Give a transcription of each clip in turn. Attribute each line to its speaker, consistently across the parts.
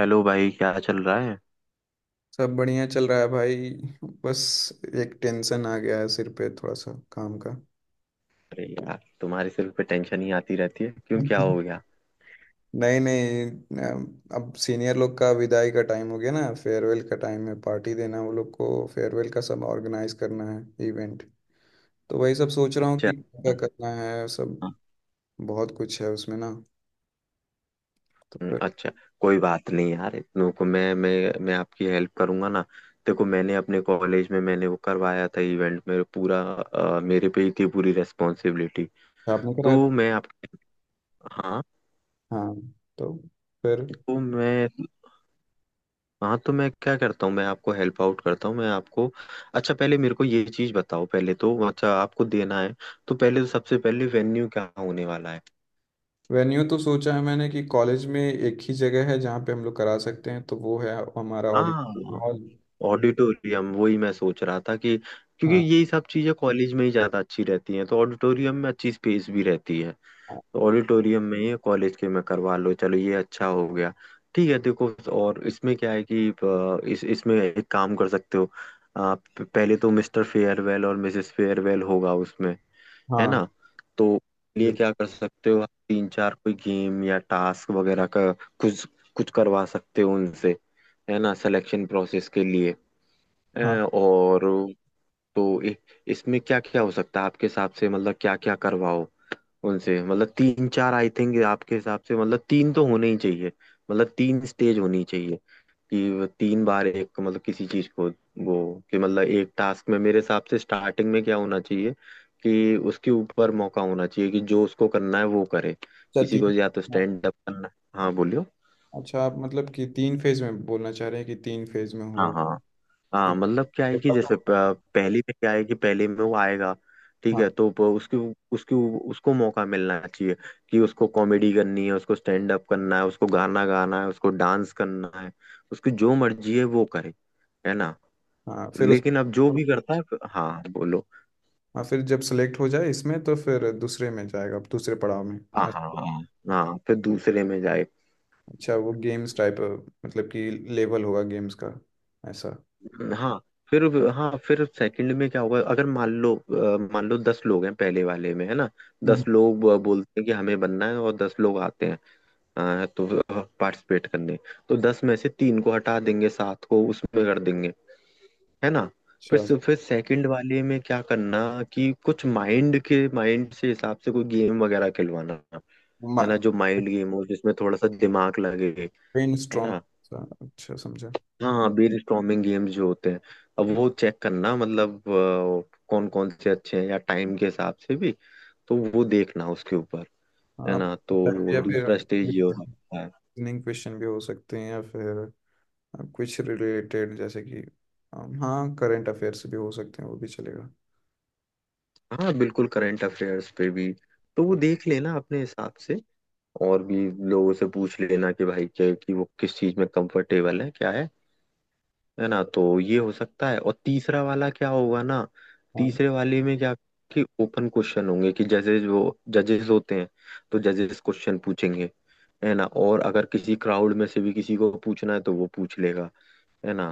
Speaker 1: Hello भाई, क्या चल रहा है।
Speaker 2: सब बढ़िया चल रहा है भाई। बस एक टेंशन आ गया है सिर पे थोड़ा सा काम का।
Speaker 1: अरे यार, तुम्हारे सिर पे टेंशन ही आती रहती है। क्यों, क्या हो गया?
Speaker 2: नहीं नहीं, अब सीनियर लोग का विदाई का टाइम हो गया ना। फेयरवेल का टाइम है, पार्टी देना वो लोग को, फेयरवेल का सब ऑर्गेनाइज करना है इवेंट। तो वही सब सोच रहा हूँ कि
Speaker 1: अच्छा।
Speaker 2: क्या करना है सब।
Speaker 1: हाँ।
Speaker 2: बहुत कुछ है उसमें ना। तो फिर
Speaker 1: अच्छा। कोई बात नहीं यार, इतनों को मैं आपकी हेल्प करूंगा ना। देखो, मैंने अपने कॉलेज में मैंने वो करवाया था इवेंट, मेरे पूरा मेरे पे ही थी पूरी रेस्पॉन्सिबिलिटी।
Speaker 2: आपने कराया
Speaker 1: तो
Speaker 2: था?
Speaker 1: मैं आपके। हाँ
Speaker 2: हाँ, तो फिर
Speaker 1: तो मैं। हाँ तो मैं क्या करता हूँ, मैं आपको हेल्प आउट करता हूँ, मैं आपको। अच्छा, पहले मेरे को ये चीज बताओ, पहले तो अच्छा आपको देना है तो पहले तो सबसे पहले वेन्यू क्या होने वाला है।
Speaker 2: वेन्यू तो सोचा है मैंने कि कॉलेज में एक ही जगह है जहाँ पे हम लोग करा सकते हैं, तो वो है हमारा ऑडिटोरियम
Speaker 1: हाँ,
Speaker 2: हॉल।
Speaker 1: ऑडिटोरियम वही मैं सोच रहा था कि क्योंकि
Speaker 2: हाँ।
Speaker 1: यही सब चीजें कॉलेज में ही ज्यादा अच्छी रहती हैं, तो ऑडिटोरियम में अच्छी स्पेस भी रहती है। तो ऑडिटोरियम में ही कॉलेज के में करवा लो, चलो ये अच्छा हो गया। ठीक है देखो, और इसमें क्या है कि इस इसमें एक काम कर सकते हो। आप पहले तो मिस्टर फेयरवेल और मिसेस फेयरवेल होगा उसमें, है
Speaker 2: हाँ।
Speaker 1: ना, तो लिए
Speaker 2: जरूर।
Speaker 1: क्या कर सकते हो आप तीन चार कोई गेम या टास्क वगैरह का, कुछ कुछ करवा सकते हो उनसे, है ना, सिलेक्शन प्रोसेस के लिए। अ,
Speaker 2: हाँ।
Speaker 1: और तो इसमें क्या क्या हो सकता है आपके हिसाब से, मतलब क्या क्या करवाओ उनसे, मतलब तीन चार आई थिंक आपके हिसाब से, मतलब तीन तो होने ही चाहिए, मतलब तीन स्टेज होनी चाहिए कि वो तीन बार एक, मतलब किसी चीज को वो, कि मतलब एक टास्क में मेरे हिसाब से स्टार्टिंग में क्या होना चाहिए, कि उसके ऊपर मौका होना चाहिए कि जो उसको करना है वो करे,
Speaker 2: अच्छा,
Speaker 1: किसी को
Speaker 2: तीन।
Speaker 1: या तो
Speaker 2: हाँ,
Speaker 1: स्टैंड अप करना। हाँ बोलियो।
Speaker 2: अच्छा, आप मतलब कि तीन फेज में बोलना चाह रहे हैं कि तीन फेज में हो
Speaker 1: हाँ, हाँ, हाँ,
Speaker 2: एक
Speaker 1: मतलब क्या
Speaker 2: के
Speaker 1: है कि जैसे
Speaker 2: बाद?
Speaker 1: पहली में क्या है कि पहले में वो आएगा, ठीक
Speaker 2: हाँ।
Speaker 1: है तो उसकी उसकी उसको मौका मिलना चाहिए कि उसको कॉमेडी करनी है, उसको स्टैंड अप करना है, उसको गाना गाना है, उसको डांस करना है, उसकी जो मर्जी है वो करे, है ना।
Speaker 2: हाँ फिर उस,
Speaker 1: लेकिन अब जो भी करता है हाँ बोलो।
Speaker 2: हाँ फिर जब सेलेक्ट हो जाए इसमें तो फिर दूसरे में जाएगा, दूसरे पड़ाव में।
Speaker 1: हाँ, हाँ,
Speaker 2: ऐसा।
Speaker 1: हाँ, हाँ फिर दूसरे में जाए।
Speaker 2: अच्छा, वो गेम्स टाइप, मतलब कि लेवल होगा गेम्स का, ऐसा।
Speaker 1: हाँ फिर हाँ फिर सेकंड में क्या होगा, अगर मान लो मान लो 10 लोग हैं पहले वाले में, है ना,
Speaker 2: हम्म।
Speaker 1: 10 लोग बोलते हैं कि हमें बनना है और 10 लोग आते हैं, तो पार्टिसिपेट करने, तो 10 में से तीन को हटा देंगे, सात को उसमें कर देंगे, है ना।
Speaker 2: अच्छा।
Speaker 1: फिर सेकंड वाले में क्या करना, कि कुछ माइंड के, माइंड से हिसाब से कोई गेम वगैरह खिलवाना, है ना, जो माइंड गेम हो जिसमें थोड़ा सा दिमाग लगे,
Speaker 2: ब्रेन
Speaker 1: है
Speaker 2: स्ट्रॉम।
Speaker 1: ना।
Speaker 2: अच्छा समझा।
Speaker 1: हाँ, बीयर स्टॉर्मिंग गेम्स जो होते हैं, अब वो चेक करना, मतलब कौन कौन से अच्छे हैं या टाइम के हिसाब से भी, तो वो देखना उसके ऊपर,
Speaker 2: हाँ,
Speaker 1: है ना,
Speaker 2: आप,
Speaker 1: तो
Speaker 2: या फिर
Speaker 1: दूसरा स्टेज ये हो
Speaker 2: रीजनिंग
Speaker 1: सकता है।
Speaker 2: क्वेश्चन भी हो सकते हैं, या फिर अब कुछ रिलेटेड जैसे कि, हाँ, करंट अफेयर्स भी हो सकते हैं, वो भी चलेगा।
Speaker 1: हाँ बिल्कुल, करंट अफेयर्स पे भी, तो वो देख लेना अपने हिसाब से और भी लोगों से पूछ लेना कि भाई क्या, कि वो किस चीज में कंफर्टेबल है, क्या है ना, तो ये हो सकता है। और तीसरा वाला क्या होगा ना,
Speaker 2: हाँ।
Speaker 1: तीसरे वाले में क्या, कि ओपन क्वेश्चन होंगे कि जजेस, वो जजेस होते हैं तो जजेस क्वेश्चन पूछेंगे, है ना, और अगर किसी क्राउड में से भी किसी को पूछना है तो वो पूछ लेगा, है ना।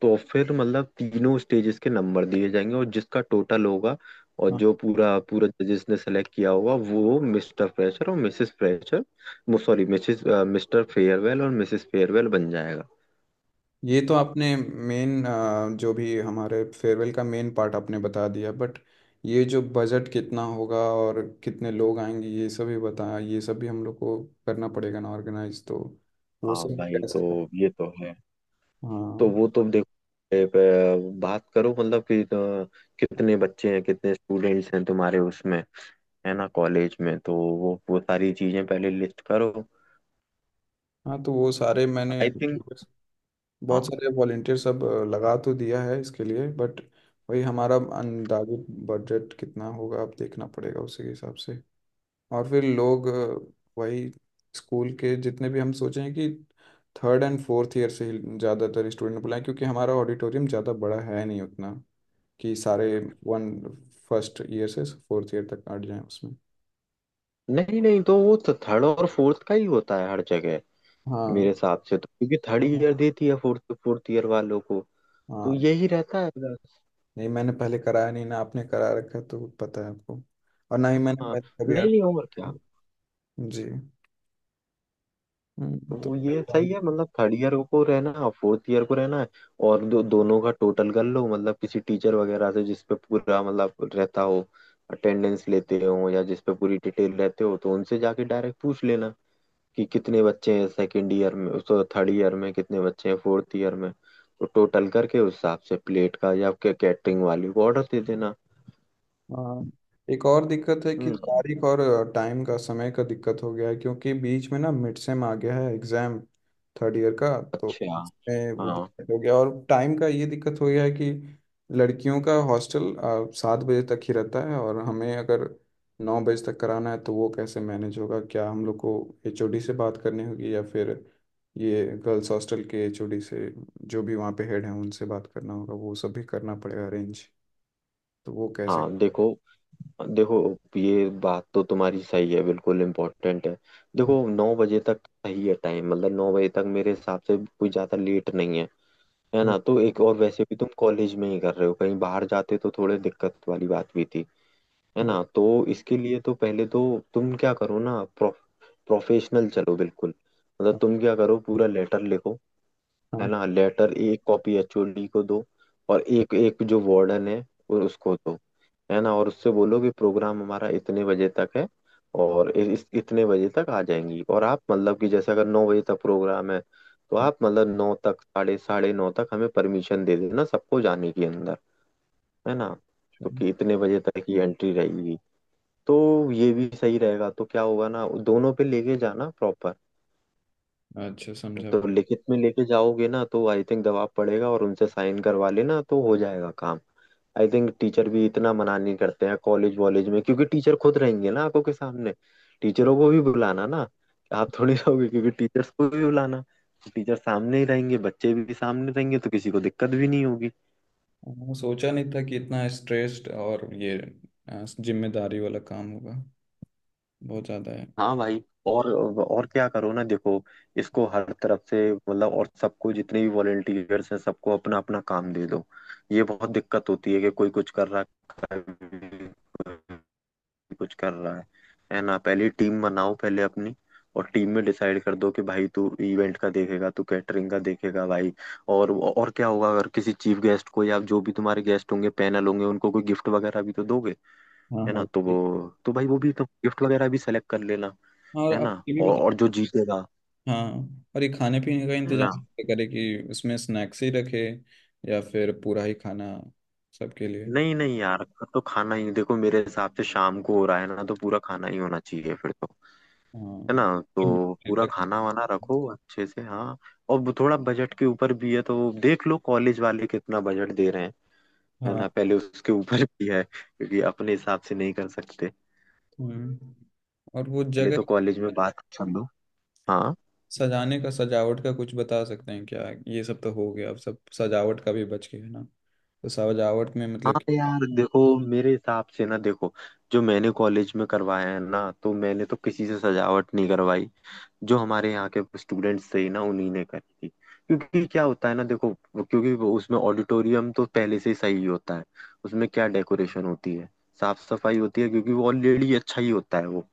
Speaker 1: तो फिर मतलब तीनों स्टेजेस के नंबर दिए जाएंगे और जिसका टोटल होगा, और
Speaker 2: हाँ,
Speaker 1: जो पूरा पूरा जजेस ने सेलेक्ट किया होगा, वो मिस्टर फ्रेशर और Mrs fresher, sorry Mrs, Mr farewell और मिसेस फेयरवेल बन जाएगा।
Speaker 2: ये तो आपने मेन, जो भी हमारे फेयरवेल का मेन पार्ट आपने बता दिया, बट ये जो बजट कितना होगा और कितने लोग आएंगे, ये सब भी बताया, ये सब भी हम लोग को करना पड़ेगा ना ऑर्गेनाइज, तो वो
Speaker 1: हाँ
Speaker 2: सब भी
Speaker 1: भाई,
Speaker 2: कैसे?
Speaker 1: तो ये तो है, तो
Speaker 2: हाँ।
Speaker 1: वो तुम देखो, बात करो मतलब कि कितने बच्चे हैं, कितने स्टूडेंट्स हैं तुम्हारे उसमें, है ना, कॉलेज में, तो वो सारी चीजें पहले लिस्ट करो,
Speaker 2: हाँ तो वो सारे मैंने,
Speaker 1: आई थिंक।
Speaker 2: बहुत
Speaker 1: हाँ।
Speaker 2: सारे वॉलेंटियर सब लगा तो दिया है इसके लिए, बट वही हमारा अंदाजी बजट कितना होगा अब देखना पड़ेगा, उसी के हिसाब से। और फिर लोग वही स्कूल के जितने भी हम सोचे हैं कि थर्ड एंड फोर्थ ईयर से ही ज़्यादातर स्टूडेंट बुलाएं क्योंकि हमारा ऑडिटोरियम ज़्यादा बड़ा है नहीं उतना, कि सारे वन, फर्स्ट ईयर से फोर्थ ईयर तक अट जाएं उसमें।
Speaker 1: नहीं नहीं, तो वो थर्ड और फोर्थ का ही होता है हर जगह, मेरे
Speaker 2: हाँ।
Speaker 1: हिसाब से, तो क्योंकि थर्ड ईयर देती है फोर्थ फोर्थ ईयर वालों को, तो
Speaker 2: हाँ।
Speaker 1: यही रहता है बस।
Speaker 2: नहीं मैंने पहले कराया नहीं ना, आपने करा रखा है तो पता है आपको, और ना ही मैंने
Speaker 1: हाँ।
Speaker 2: पहले कभी।
Speaker 1: नहीं
Speaker 2: अट-
Speaker 1: नहीं, और क्या,
Speaker 2: जी। तो
Speaker 1: वो ये
Speaker 2: मेहरबानी।
Speaker 1: सही है, मतलब थर्ड ईयर को रहना फोर्थ ईयर को रहना है, और दोनों का टोटल कर लो, मतलब किसी टीचर वगैरह से जिस पे पूरा मतलब रहता हो, अटेंडेंस लेते हो या जिस पे पूरी डिटेल रहते हो, तो उनसे जाके डायरेक्ट पूछ लेना कि कितने बच्चे हैं सेकंड ईयर में, सो थर्ड ईयर में कितने बच्चे हैं, फोर्थ ईयर में, तो टोटल करके उस हिसाब से प्लेट का या कैटरिंग वाले को ऑर्डर दे देना।
Speaker 2: हाँ। एक और दिक्कत है कि
Speaker 1: हम्म।
Speaker 2: तारीख और टाइम का, समय का दिक्कत हो गया है क्योंकि बीच में ना मिड सेम आ गया है एग्जाम, थर्ड ईयर का। तो
Speaker 1: अच्छा।
Speaker 2: इसमें वो
Speaker 1: हाँ
Speaker 2: दिक्कत हो गया और टाइम का ये दिक्कत हो गया है कि लड़कियों का हॉस्टल 7 बजे तक ही रहता है, और हमें अगर 9 बजे तक कराना है तो वो कैसे मैनेज होगा? क्या हम लोग को एचओडी से बात करनी होगी, या फिर ये गर्ल्स हॉस्टल के एचओडी से, जो भी वहाँ पे हेड हैं उनसे बात करना होगा, वो सब भी करना पड़ेगा अरेंज। तो वो कैसे?
Speaker 1: हाँ। देखो देखो, ये बात तो तुम्हारी सही है, बिल्कुल इम्पोर्टेंट है। देखो, 9 बजे तक सही है टाइम, मतलब 9 बजे तक मेरे हिसाब से कोई ज्यादा लेट नहीं है, है ना, तो एक, और वैसे भी तुम कॉलेज में ही कर रहे हो, कहीं बाहर जाते तो थोड़े दिक्कत वाली बात भी थी, है
Speaker 2: हाँ,
Speaker 1: ना, तो इसके लिए तो पहले तो तुम क्या करो ना, प्रोफेशनल चलो बिल्कुल, मतलब तुम क्या करो पूरा लेटर लिखो, है
Speaker 2: हाँ,
Speaker 1: ना, लेटर एक कॉपी एचओडी को दो, और एक एक जो वार्डन है, और उसको दो, है ना, और उससे बोलो कि प्रोग्राम हमारा इतने बजे तक है, और इस इतने बजे तक आ जाएंगी, और आप मतलब कि जैसे अगर 9 बजे तक प्रोग्राम है तो आप मतलब 9 तक, साढ़े साढ़े नौ तक हमें परमिशन दे देना सबको जाने के अंदर, है ना, तो
Speaker 2: हाँ।
Speaker 1: कि इतने बजे तक ही एंट्री रहेगी, तो ये भी सही रहेगा, तो क्या होगा ना, दोनों पे लेके जाना प्रॉपर।
Speaker 2: अच्छा समझा।
Speaker 1: तो लिखित में लेके जाओगे ना तो आई थिंक दबाव पड़ेगा, और उनसे साइन करवा लेना तो हो जाएगा काम। आई थिंक टीचर भी इतना मना नहीं करते हैं कॉलेज वॉलेज में, क्योंकि टीचर खुद रहेंगे ना आंखों के सामने। टीचरों को भी बुलाना ना, आप थोड़ी रहोगे, क्योंकि टीचर्स को भी बुलाना, टीचर सामने ही रहेंगे, बच्चे भी सामने रहेंगे, तो किसी को दिक्कत भी नहीं होगी।
Speaker 2: हाँ, सोचा नहीं था कि इतना स्ट्रेस्ड और ये जिम्मेदारी वाला काम होगा। बहुत ज्यादा है।
Speaker 1: हाँ भाई। और क्या करो ना देखो, इसको हर तरफ से, मतलब और सबको जितने भी वॉलेंटियर्स हैं सबको अपना अपना काम दे दो। ये बहुत दिक्कत होती है कि कोई कुछ कर रहा है, कोई कुछ कर रहा है ना, पहले टीम बनाओ पहले अपनी। और टीम में डिसाइड कर दो कि भाई तू इवेंट का देखेगा, तू कैटरिंग का देखेगा भाई। और क्या होगा, अगर किसी चीफ गेस्ट को या जो भी तुम्हारे गेस्ट होंगे, पैनल होंगे, उनको कोई गिफ्ट वगैरह भी तो दोगे,
Speaker 2: हाँ।
Speaker 1: है
Speaker 2: हाँ
Speaker 1: ना, तो वो, तो भाई वो भी तो गिफ्ट वगैरह भी सेलेक्ट कर लेना,
Speaker 2: हाँ, और
Speaker 1: है
Speaker 2: आप
Speaker 1: ना,
Speaker 2: ये भी
Speaker 1: और
Speaker 2: बता।
Speaker 1: जो जीतेगा,
Speaker 2: हाँ, और ये खाने पीने का
Speaker 1: है
Speaker 2: इंतजाम
Speaker 1: ना।
Speaker 2: कैसे करें, कि उसमें स्नैक्स ही रखे, या फिर पूरा ही खाना सबके लिए।
Speaker 1: नहीं नहीं यार, तो खाना ही देखो, मेरे हिसाब से शाम को हो रहा है ना, तो पूरा खाना ही होना चाहिए फिर तो,
Speaker 2: हाँ।
Speaker 1: है ना, तो पूरा
Speaker 2: तक।
Speaker 1: खाना वाना रखो अच्छे से। हाँ। और वो थोड़ा बजट के ऊपर भी है, तो देख लो कॉलेज वाले कितना बजट दे रहे हैं, है ना,
Speaker 2: हाँ।
Speaker 1: पहले उसके ऊपर भी है क्योंकि अपने हिसाब से नहीं कर सकते,
Speaker 2: हम्म। और वो
Speaker 1: पहले तो
Speaker 2: जगह
Speaker 1: कॉलेज में बात कर लो। हाँ
Speaker 2: सजाने का, सजावट का कुछ बता सकते हैं क्या? ये सब तो हो गया, अब सब सजावट का भी बच गया है ना, तो सजावट में मतलब
Speaker 1: हाँ
Speaker 2: कि-
Speaker 1: यार, देखो, मेरे हिसाब से ना, देखो, जो मैंने कॉलेज में करवाया है ना, तो मैंने तो किसी से सजावट नहीं करवाई। जो हमारे यहाँ के स्टूडेंट्स थे ना उन्हीं ने करी थी, क्योंकि क्या होता है ना देखो, क्योंकि वो उसमें ऑडिटोरियम तो पहले से ही सही होता है, उसमें क्या डेकोरेशन होती है, साफ सफाई होती है, क्योंकि वो ऑलरेडी अच्छा ही होता है वो,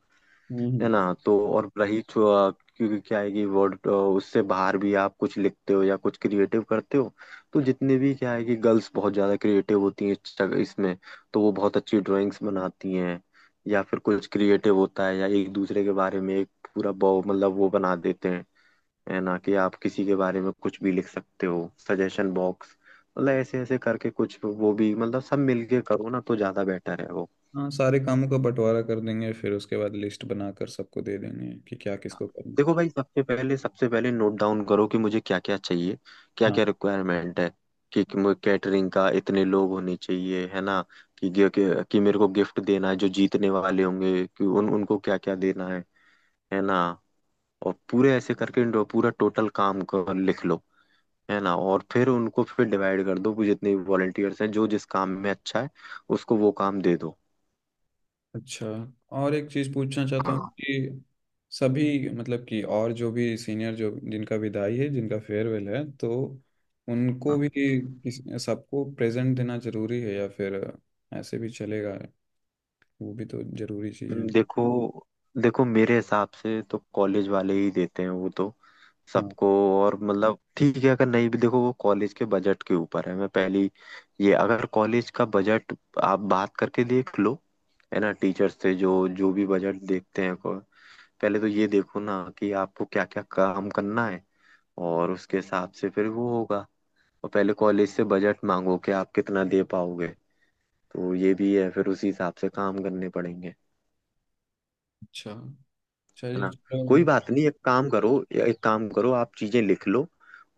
Speaker 2: हम्म।
Speaker 1: है
Speaker 2: हम्म।
Speaker 1: ना, तो और रही क्योंकि क्या है कि वर्ड उससे बाहर भी आप कुछ लिखते हो या कुछ क्रिएटिव करते हो। तो जितने भी क्या है कि गर्ल्स बहुत ज्यादा क्रिएटिव होती हैं इसमें, तो वो बहुत अच्छी ड्राइंग्स बनाती हैं, या फिर कुछ क्रिएटिव होता है या एक दूसरे के बारे में एक पूरा मतलब वो बना देते हैं, है ना, कि आप किसी के बारे में कुछ भी लिख सकते हो, सजेशन बॉक्स, मतलब ऐसे ऐसे करके कुछ, वो भी मतलब सब मिलके करो ना तो ज्यादा बेटर है वो।
Speaker 2: हाँ, सारे कामों का बंटवारा कर देंगे फिर उसके बाद लिस्ट बनाकर सबको दे देंगे कि क्या किसको करना है।
Speaker 1: देखो भाई, सबसे पहले नोट डाउन करो कि मुझे क्या क्या चाहिए, क्या
Speaker 2: हाँ।
Speaker 1: क्या रिक्वायरमेंट है, कि कैटरिंग का इतने लोग होने चाहिए, है ना, कि मेरे को गिफ्ट देना है जो जीतने वाले होंगे, कि उन उनको क्या क्या देना है ना, और पूरे ऐसे करके पूरा टोटल काम को लिख लो, है ना, और फिर उनको फिर डिवाइड कर दो कि जितने भी वॉलंटियर्स हैं जो जिस काम में अच्छा है, उसको वो काम दे दो।
Speaker 2: अच्छा, और एक चीज़ पूछना चाहता हूँ
Speaker 1: हाँ।
Speaker 2: कि सभी मतलब कि, और जो भी सीनियर जो जिनका विदाई है, जिनका फेयरवेल है, तो उनको भी सबको प्रेजेंट देना जरूरी है या फिर ऐसे भी चलेगा? वो भी तो जरूरी चीज़ है।
Speaker 1: देखो, देखो मेरे हिसाब से तो कॉलेज वाले ही देते हैं वो तो
Speaker 2: हाँ।
Speaker 1: सबको, और मतलब ठीक है, अगर नहीं भी, देखो वो कॉलेज के बजट के ऊपर है, मैं पहली, ये अगर कॉलेज का बजट, आप बात करके देख लो, है ना, टीचर से जो जो भी बजट देखते हैं पहले तो ये देखो ना कि आपको क्या क्या काम करना है, और उसके हिसाब से फिर वो होगा, और पहले कॉलेज से बजट मांगो कि आप कितना दे पाओगे, तो ये भी है फिर उसी हिसाब से काम करने पड़ेंगे,
Speaker 2: अच्छा,
Speaker 1: है
Speaker 2: चलिए
Speaker 1: ना।
Speaker 2: तो।
Speaker 1: कोई बात नहीं, एक काम करो, या एक काम करो आप चीजें लिख लो,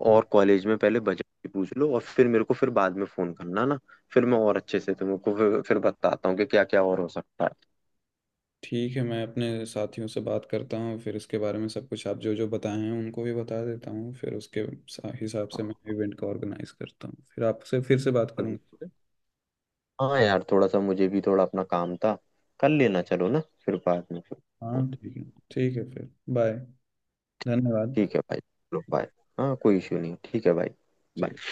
Speaker 2: हाँ,
Speaker 1: और कॉलेज में पहले बजट की पूछ लो और फिर मेरे को फिर बाद में फोन करना ना, फिर मैं और अच्छे से तुमको फिर बताता हूँ कि क्या क्या और हो सकता है।
Speaker 2: ठीक है, मैं अपने साथियों से बात करता हूँ फिर इसके बारे में, सब कुछ आप जो जो बताए हैं उनको भी बता देता हूँ, फिर उसके हिसाब से मैं इवेंट का ऑर्गेनाइज करता हूँ, फिर आपसे फिर से बात करूँगा।
Speaker 1: हाँ यार, थोड़ा सा मुझे भी थोड़ा अपना काम था, कर लेना चलो ना फिर बाद में फिर।
Speaker 2: हाँ, ठीक है। ठीक है, फिर बाय। धन्यवाद।
Speaker 1: ठीक है भाई, चलो बाय। हाँ, कोई इश्यू नहीं, ठीक है भाई।
Speaker 2: ठीक।
Speaker 1: Bye.